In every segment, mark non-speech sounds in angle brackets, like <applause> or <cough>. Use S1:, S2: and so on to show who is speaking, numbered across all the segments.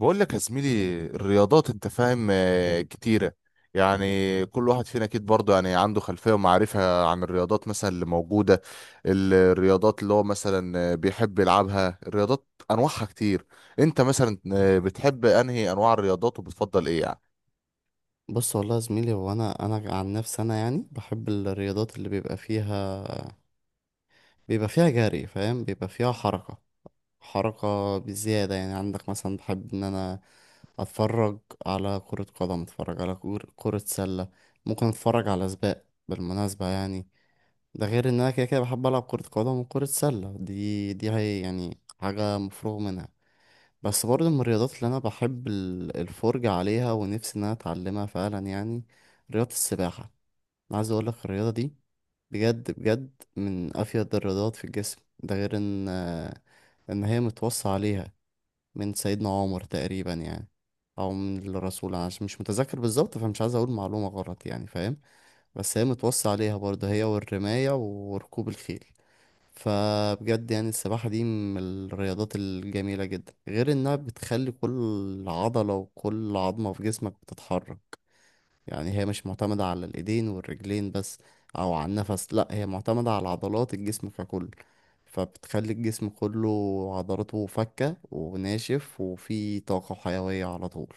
S1: بقول لك يا زميلي، الرياضات انت فاهم، كتيرة. يعني كل واحد فينا اكيد برضه يعني عنده خلفية ومعرفة عن الرياضات مثلا اللي موجودة. الرياضات اللي هو مثلا بيحب يلعبها، الرياضات انواعها كتير. انت مثلا بتحب انهي انواع الرياضات وبتفضل ايه يعني؟
S2: بص، والله يا زميلي، هو انا عن نفسي انا يعني بحب الرياضات اللي بيبقى فيها جري، فاهم، بيبقى فيها حركة بزيادة. يعني عندك مثلا بحب ان انا اتفرج على كرة قدم، اتفرج على كرة سلة، ممكن اتفرج على سباق بالمناسبة، يعني ده غير ان انا كده كده بحب العب كرة قدم وكرة سلة، دي هي يعني حاجة مفروغ منها. بس برضه من الرياضات اللي انا بحب الفرجة عليها ونفسي ان انا اتعلمها فعلا، يعني رياضة السباحة. أنا عايز اقول لك الرياضه دي بجد بجد من افيد الرياضات في الجسم، ده غير ان هي متوصى عليها من سيدنا عمر تقريبا، يعني او من الرسول، انا عشان مش متذكر بالظبط فمش عايز اقول معلومه غلط، يعني فاهم. بس هي متوصى عليها برضه، هي والرمايه وركوب الخيل. فبجد يعني السباحة دي من الرياضات الجميلة جدا، غير انها بتخلي كل عضلة وكل عظمة في جسمك بتتحرك. يعني هي مش معتمدة على الإيدين والرجلين بس أو على النفس، لأ هي معتمدة على عضلات الجسم ككل، فبتخلي الجسم كله عضلاته فكة وناشف وفيه طاقة وحيوية على طول.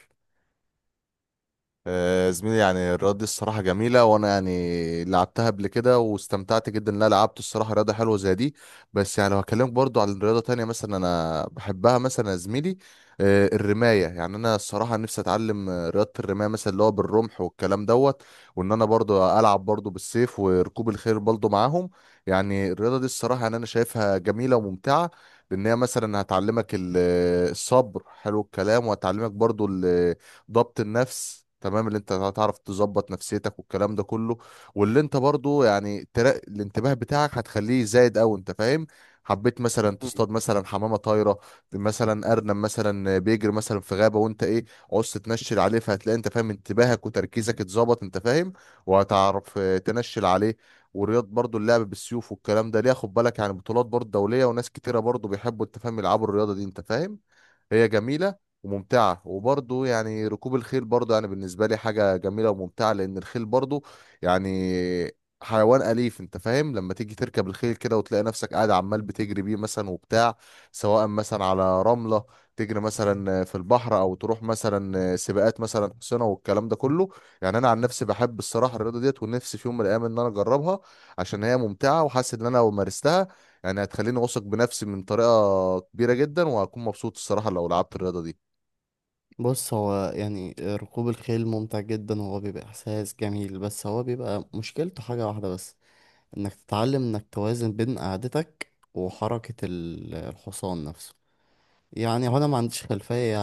S1: زميلي، يعني الرياضة دي الصراحة جميلة، وأنا يعني لعبتها قبل كده واستمتعت جدا إن أنا لعبت الصراحة رياضة حلوة زي دي. بس يعني لو هكلمك برضو عن رياضة تانية مثلا أنا بحبها مثلا يا زميلي، الرماية، يعني أنا الصراحة نفسي أتعلم رياضة الرماية مثلا اللي هو بالرمح والكلام دوت. وإن أنا برضو ألعب برضو بالسيف وركوب الخيل برضو معاهم. يعني الرياضة دي الصراحة يعني أنا شايفها جميلة وممتعة، لأن هي مثلا هتعلمك الصبر، حلو الكلام، وهتعلمك برضو ضبط النفس، تمام، اللي انت هتعرف تظبط نفسيتك والكلام ده كله. واللي انت برضو يعني الانتباه بتاعك هتخليه زايد قوي، انت فاهم، حبيت مثلا
S2: مم.
S1: تصطاد مثلا حمامه طايره، مثلا ارنب مثلا بيجري مثلا في غابه وانت ايه، عوزت تنشل عليه، فهتلاقي انت فاهم انتباهك وتركيزك اتظبط، انت فاهم، وهتعرف تنشل عليه. ورياض برضو اللعب بالسيوف والكلام ده ليه، خد بالك، يعني بطولات برضو دولية وناس كتيرة برضو بيحبوا انت فاهم يلعبوا الرياضة دي، انت فاهم، هي جميلة وممتعة. وبرضه يعني ركوب الخيل برضه يعني بالنسبة لي حاجة جميلة وممتعة، لأن الخيل برضه يعني حيوان أليف، أنت فاهم، لما تيجي تركب الخيل كده وتلاقي نفسك قاعد عمال بتجري بيه مثلا وبتاع، سواء مثلا على رملة تجري مثلا في البحر، أو تروح مثلا سباقات مثلا حصينة والكلام ده كله. يعني أنا عن نفسي بحب الصراحة الرياضة ديت، ونفسي في يوم من الأيام إن أنا أجربها، عشان هي ممتعة وحاسس إن أنا لو مارستها يعني هتخليني واثق بنفسي من طريقة كبيرة جدا، وهكون مبسوط الصراحة لو لعبت الرياضة دي.
S2: بص، هو يعني ركوب الخيل ممتع جدا وهو بيبقى إحساس جميل، بس هو بيبقى مشكلته حاجة واحدة بس، إنك تتعلم إنك توازن بين قعدتك وحركة الحصان نفسه. يعني هو انا ما عنديش خلفية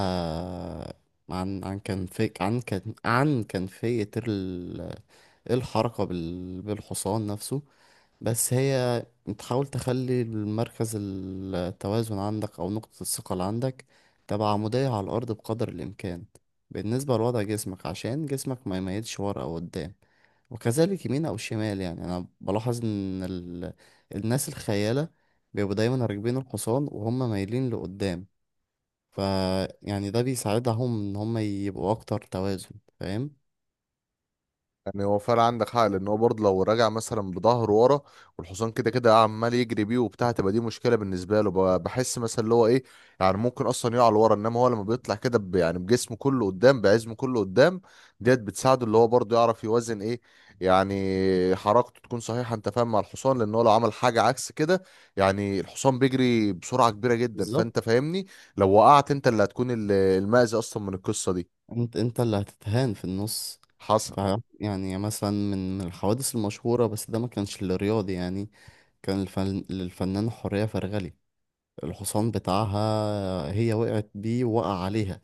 S2: عن عن كان في عن كان عن كيفية ال- إيه الحركة بالحصان نفسه. بس هي بتحاول تخلي مركز التوازن عندك أو نقطة الثقة اللي عندك تبقى عمودية على الأرض بقدر الإمكان، بالنسبة لوضع جسمك، عشان جسمك ما يميلش ورا أو قدام وكذلك يمين أو شمال. يعني أنا بلاحظ إن الناس الخيالة بيبقوا دايما راكبين الحصان وهم مايلين لقدام. ف يعني ده بيساعدهم ان هم يبقوا اكتر توازن، فاهم؟
S1: يعني هو فعلا عندك حق، لان هو برضه لو راجع مثلا بظهره ورا والحصان كده كده عمال يجري بيه وبتاع، تبقى دي مشكله بالنسبه له، بحس مثلا اللي هو ايه، يعني ممكن اصلا يقع لورا، انما هو لما بيطلع كده يعني بجسمه كله قدام بعزمه كله قدام، ديت بتساعده اللي هو برضه يعرف يوزن ايه، يعني حركته تكون صحيحه انت فاهم مع الحصان، لان هو لو عمل حاجه عكس كده، يعني الحصان بيجري بسرعه كبيره جدا، فانت
S2: بالظبط.
S1: فاهمني، لو وقعت انت اللي هتكون المأذي اصلا من القصه دي.
S2: انت اللي هتتهان في النص.
S1: حصل.
S2: ف يعني مثلا من الحوادث المشهورة، بس ده ما كانش للرياضي يعني، كان للفنان حورية فرغلي الحصان بتاعها، هي وقعت بيه، وقع عليها.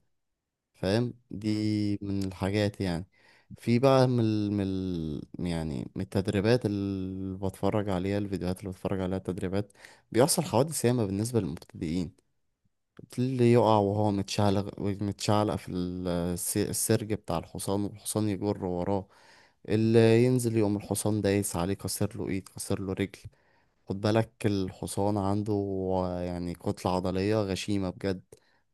S2: فاهم، دي من الحاجات يعني. في بقى يعني من التدريبات اللي بتفرج عليها الفيديوهات اللي بتفرج عليها التدريبات، بيحصل حوادث ياما بالنسبة للمبتدئين. اللي يقع وهو متشعلق في السرج بتاع الحصان والحصان يجر وراه. اللي ينزل يقوم الحصان دايس عليه، كسر له ايد، كسر له رجل. خد بالك الحصان عنده يعني كتلة عضلية غشيمة بجد.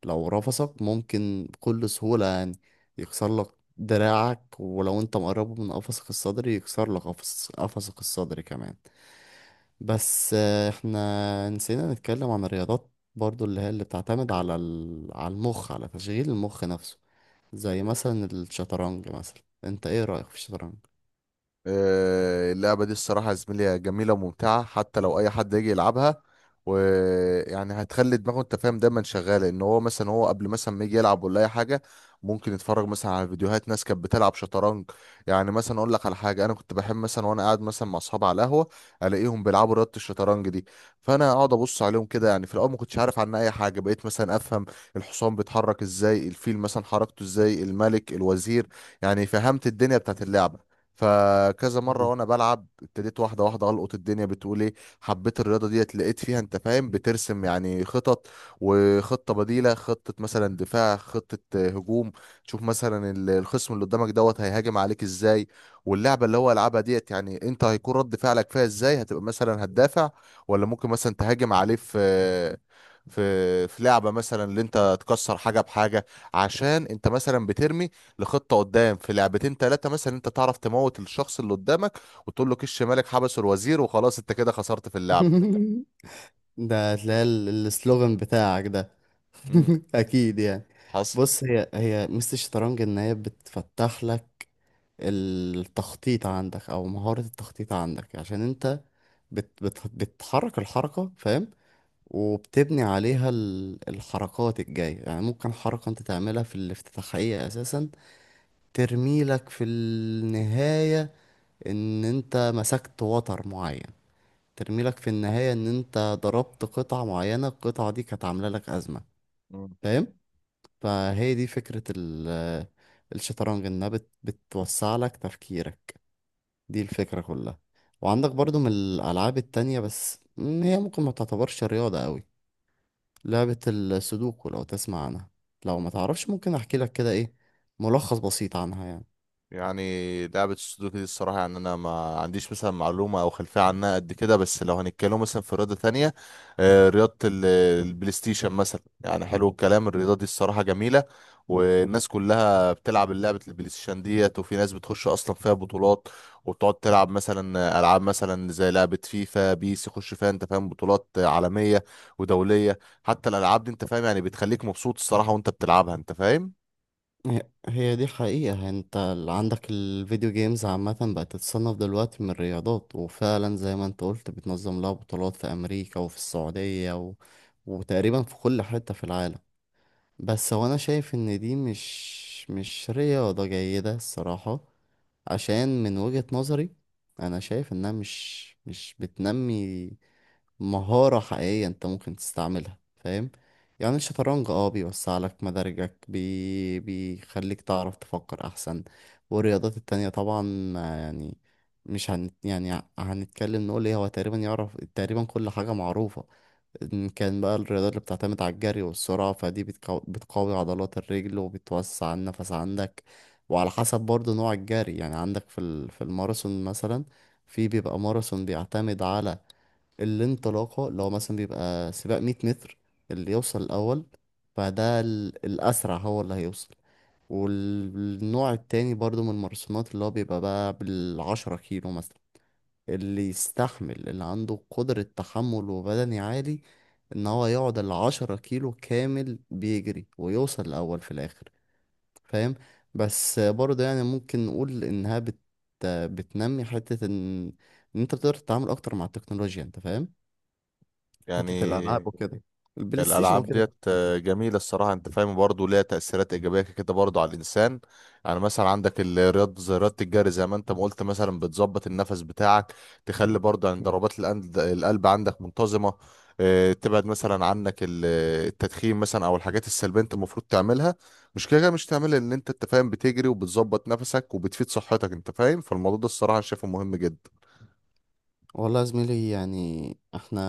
S2: لو رفسك ممكن بكل سهولة يعني يكسر لك دراعك، ولو انت مقربه من قفصك الصدري يكسر لك قفصك الصدري كمان. بس احنا نسينا نتكلم عن الرياضات برضو اللي هي اللي بتعتمد على على المخ، على تشغيل المخ نفسه، زي مثلا الشطرنج. مثلا انت ايه رأيك في الشطرنج؟
S1: اللعبة دي الصراحة يا زميلي جميلة وممتعة، حتى لو أي حد يجي يلعبها، ويعني هتخلي دماغه أنت فاهم دايما شغالة، إن هو مثلا هو قبل مثلا ما يجي يلعب ولا أي حاجة، ممكن يتفرج مثلا على فيديوهات ناس كانت بتلعب شطرنج. يعني مثلا أقول لك على حاجة، أنا كنت بحب مثلا وأنا قاعد مثلا مع أصحابي على القهوة ألاقيهم بيلعبوا رياضة الشطرنج دي، فأنا أقعد أبص عليهم كده، يعني في الأول ما كنتش عارف عنها أي حاجة، بقيت مثلا أفهم الحصان بيتحرك إزاي، الفيل مثلا حركته إزاي، الملك، الوزير، يعني فهمت الدنيا بتاعت اللعبة. فكذا مره
S2: مم.
S1: وانا بلعب ابتديت واحده واحده القط الدنيا بتقول ايه، حبيت الرياضه ديت، لقيت فيها انت فاهم بترسم يعني خطط، وخطه بديله، خطه مثلا دفاع، خطه هجوم. تشوف مثلا الخصم اللي قدامك دوت هيهاجم عليك ازاي، واللعبه اللي هو يلعبها ديت يعني انت هيكون رد فعلك فيها ازاي، هتبقى مثلا هتدافع، ولا ممكن مثلا تهاجم عليه في لعبه مثلا اللي انت تكسر حاجه بحاجه، عشان انت مثلا بترمي لخطه قدام في لعبتين ثلاثه مثلا انت تعرف تموت الشخص اللي قدامك، وتقول له كش مالك، حبسه الوزير، وخلاص انت كده خسرت في اللعبه.
S2: <laughs> ده هتلاقي السلوغان بتاعك ده.
S1: امم.
S2: <laughs> اكيد يعني.
S1: حصل.
S2: بص، هي ميزة الشطرنج ان هي بتفتح لك التخطيط عندك او مهارة التخطيط عندك، عشان انت بت بت بتحرك الحركة، فاهم، وبتبني عليها الحركات الجاية. يعني ممكن حركة انت تعملها في الافتتاحية اساسا ترميلك في النهاية ان انت مسكت وتر معين، ترميلك في النهاية ان انت ضربت قطعة معينة، القطعة دي كانت عاملة لك ازمة، فاهم. فهي دي فكرة الشطرنج، انها بتوسع لك تفكيرك، دي الفكرة كلها. وعندك برضو من الألعاب التانية، بس هي ممكن ما تعتبرش رياضة قوي، لعبة السودوكو، لو تسمع عنها. لو ما تعرفش ممكن احكي لك كده ايه ملخص بسيط عنها، يعني
S1: يعني لعبة السودوكو دي الصراحة يعني أنا ما عنديش مثلا معلومة أو خلفية عنها قد كده. بس لو هنتكلم مثلا في رياضة تانية، رياضة البلاي ستيشن مثلا، يعني حلو الكلام، الرياضة دي الصراحة جميلة، والناس كلها بتلعب لعبة البلاي ستيشن ديت، وفي ناس بتخش أصلا فيها بطولات وبتقعد تلعب مثلا ألعاب مثلا زي لعبة فيفا بيس، يخش فيها أنت فاهم بطولات عالمية ودولية. حتى الألعاب دي أنت فاهم يعني بتخليك مبسوط الصراحة وأنت بتلعبها، أنت فاهم.
S2: هي هي دي حقيقة. انت عندك الفيديو جيمز عامة بقت تتصنف دلوقتي من الرياضات، وفعلا زي ما انت قلت بتنظم لها بطولات في أمريكا وفي السعودية وتقريبا في كل حتة في العالم. بس هو انا شايف ان دي مش رياضة جيدة الصراحة، عشان من وجهة نظري انا شايف انها مش بتنمي مهارة حقيقية انت ممكن تستعملها، فاهم. يعني الشطرنج اه بيوسع لك مدارجك، بيخليك تعرف تفكر احسن، والرياضات التانية طبعا ما يعني مش هن... يعني هنتكلم نقول ايه، هو تقريبا يعرف تقريبا كل حاجة معروفة. إن كان بقى الرياضات اللي بتعتمد على الجري والسرعة، فدي بتقوي عضلات الرجل وبتوسع النفس عندك. وعلى حسب برضو نوع الجري، يعني عندك في في الماراثون مثلا. في بيبقى ماراثون بيعتمد على الانطلاقة، اللي هو مثلا بيبقى سباق 100 متر، اللي يوصل الأول فده الأسرع هو اللي هيوصل. والنوع التاني برضو من الماراثونات، اللي هو بيبقى بقى بالعشرة كيلو مثلا، اللي يستحمل اللي عنده قدرة تحمل وبدني عالي، ان هو يقعد العشرة كيلو كامل بيجري ويوصل الاول في الاخر، فاهم. بس برضه يعني ممكن نقول انها بتنمي حتة ان ان انت بتقدر تتعامل اكتر مع التكنولوجيا، انت فاهم، حتة الالعاب
S1: يعني
S2: وكده، البلاي ستيشن
S1: الالعاب
S2: وكده.
S1: ديت جميله الصراحه، انت فاهم، برضه ليها تاثيرات ايجابيه كده برضه على الانسان. يعني مثلا عندك رياضه زي رياضه الجري، زي ما انت ما قلت، مثلا بتظبط النفس بتاعك، تخلي برضه عند ضربات القلب عندك منتظمه، تبعد مثلا عنك التدخين مثلا او الحاجات السلبيه انت المفروض تعملها. مش كده كده مش تعملها، ان انت فاهم بتجري وبتظبط نفسك وبتفيد صحتك، انت فاهم، فالموضوع ده الصراحه أنا شايفه مهم جدا.
S2: والله يا زميلي يعني احنا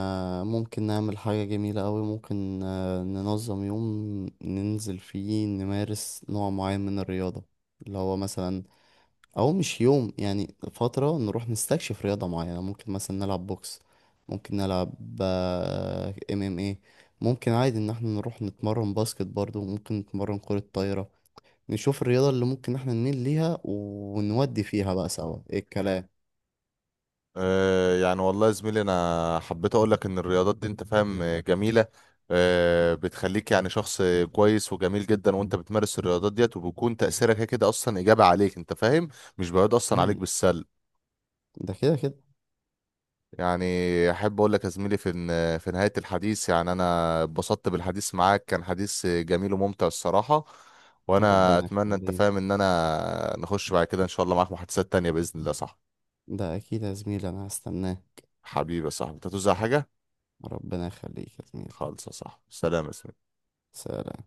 S2: ممكن نعمل حاجة جميلة قوي، ممكن ننظم يوم ننزل فيه نمارس نوع معين من الرياضة، اللي هو مثلا، او مش يوم يعني فترة نروح نستكشف رياضة معينة. ممكن مثلا نلعب بوكس، ممكن نلعب ام ام ايه ممكن عادي ان احنا نروح نتمرن باسكت برضو، ممكن نتمرن كرة طايرة، نشوف الرياضة اللي ممكن احنا نميل ليها ونودي فيها بقى سوا ايه الكلام.
S1: يعني والله يا زميلي، انا حبيت اقول لك ان الرياضات دي انت فاهم جميله، بتخليك يعني شخص كويس وجميل جدا، وانت بتمارس الرياضات ديت وبيكون تاثيرك كده كده اصلا ايجابي عليك، انت فاهم، مش بيعود اصلا عليك
S2: مم.
S1: بالسلب.
S2: ده كده كده.
S1: يعني احب اقول لك يا زميلي في في نهايه الحديث، يعني انا اتبسطت بالحديث معاك، كان حديث جميل وممتع الصراحه، وانا
S2: ربنا
S1: اتمنى انت
S2: يخليك،
S1: فاهم ان انا نخش بعد كده ان شاء الله معاك محادثات تانية باذن الله، صح.
S2: ده أكيد يا زميلي أنا هستناه.
S1: حبيبي يا صاحبي، انت هتوزع حاجه؟
S2: ربنا يخليك يا زميلي.
S1: خالص يا صاحبي، سلام يا زميلي.
S2: سلام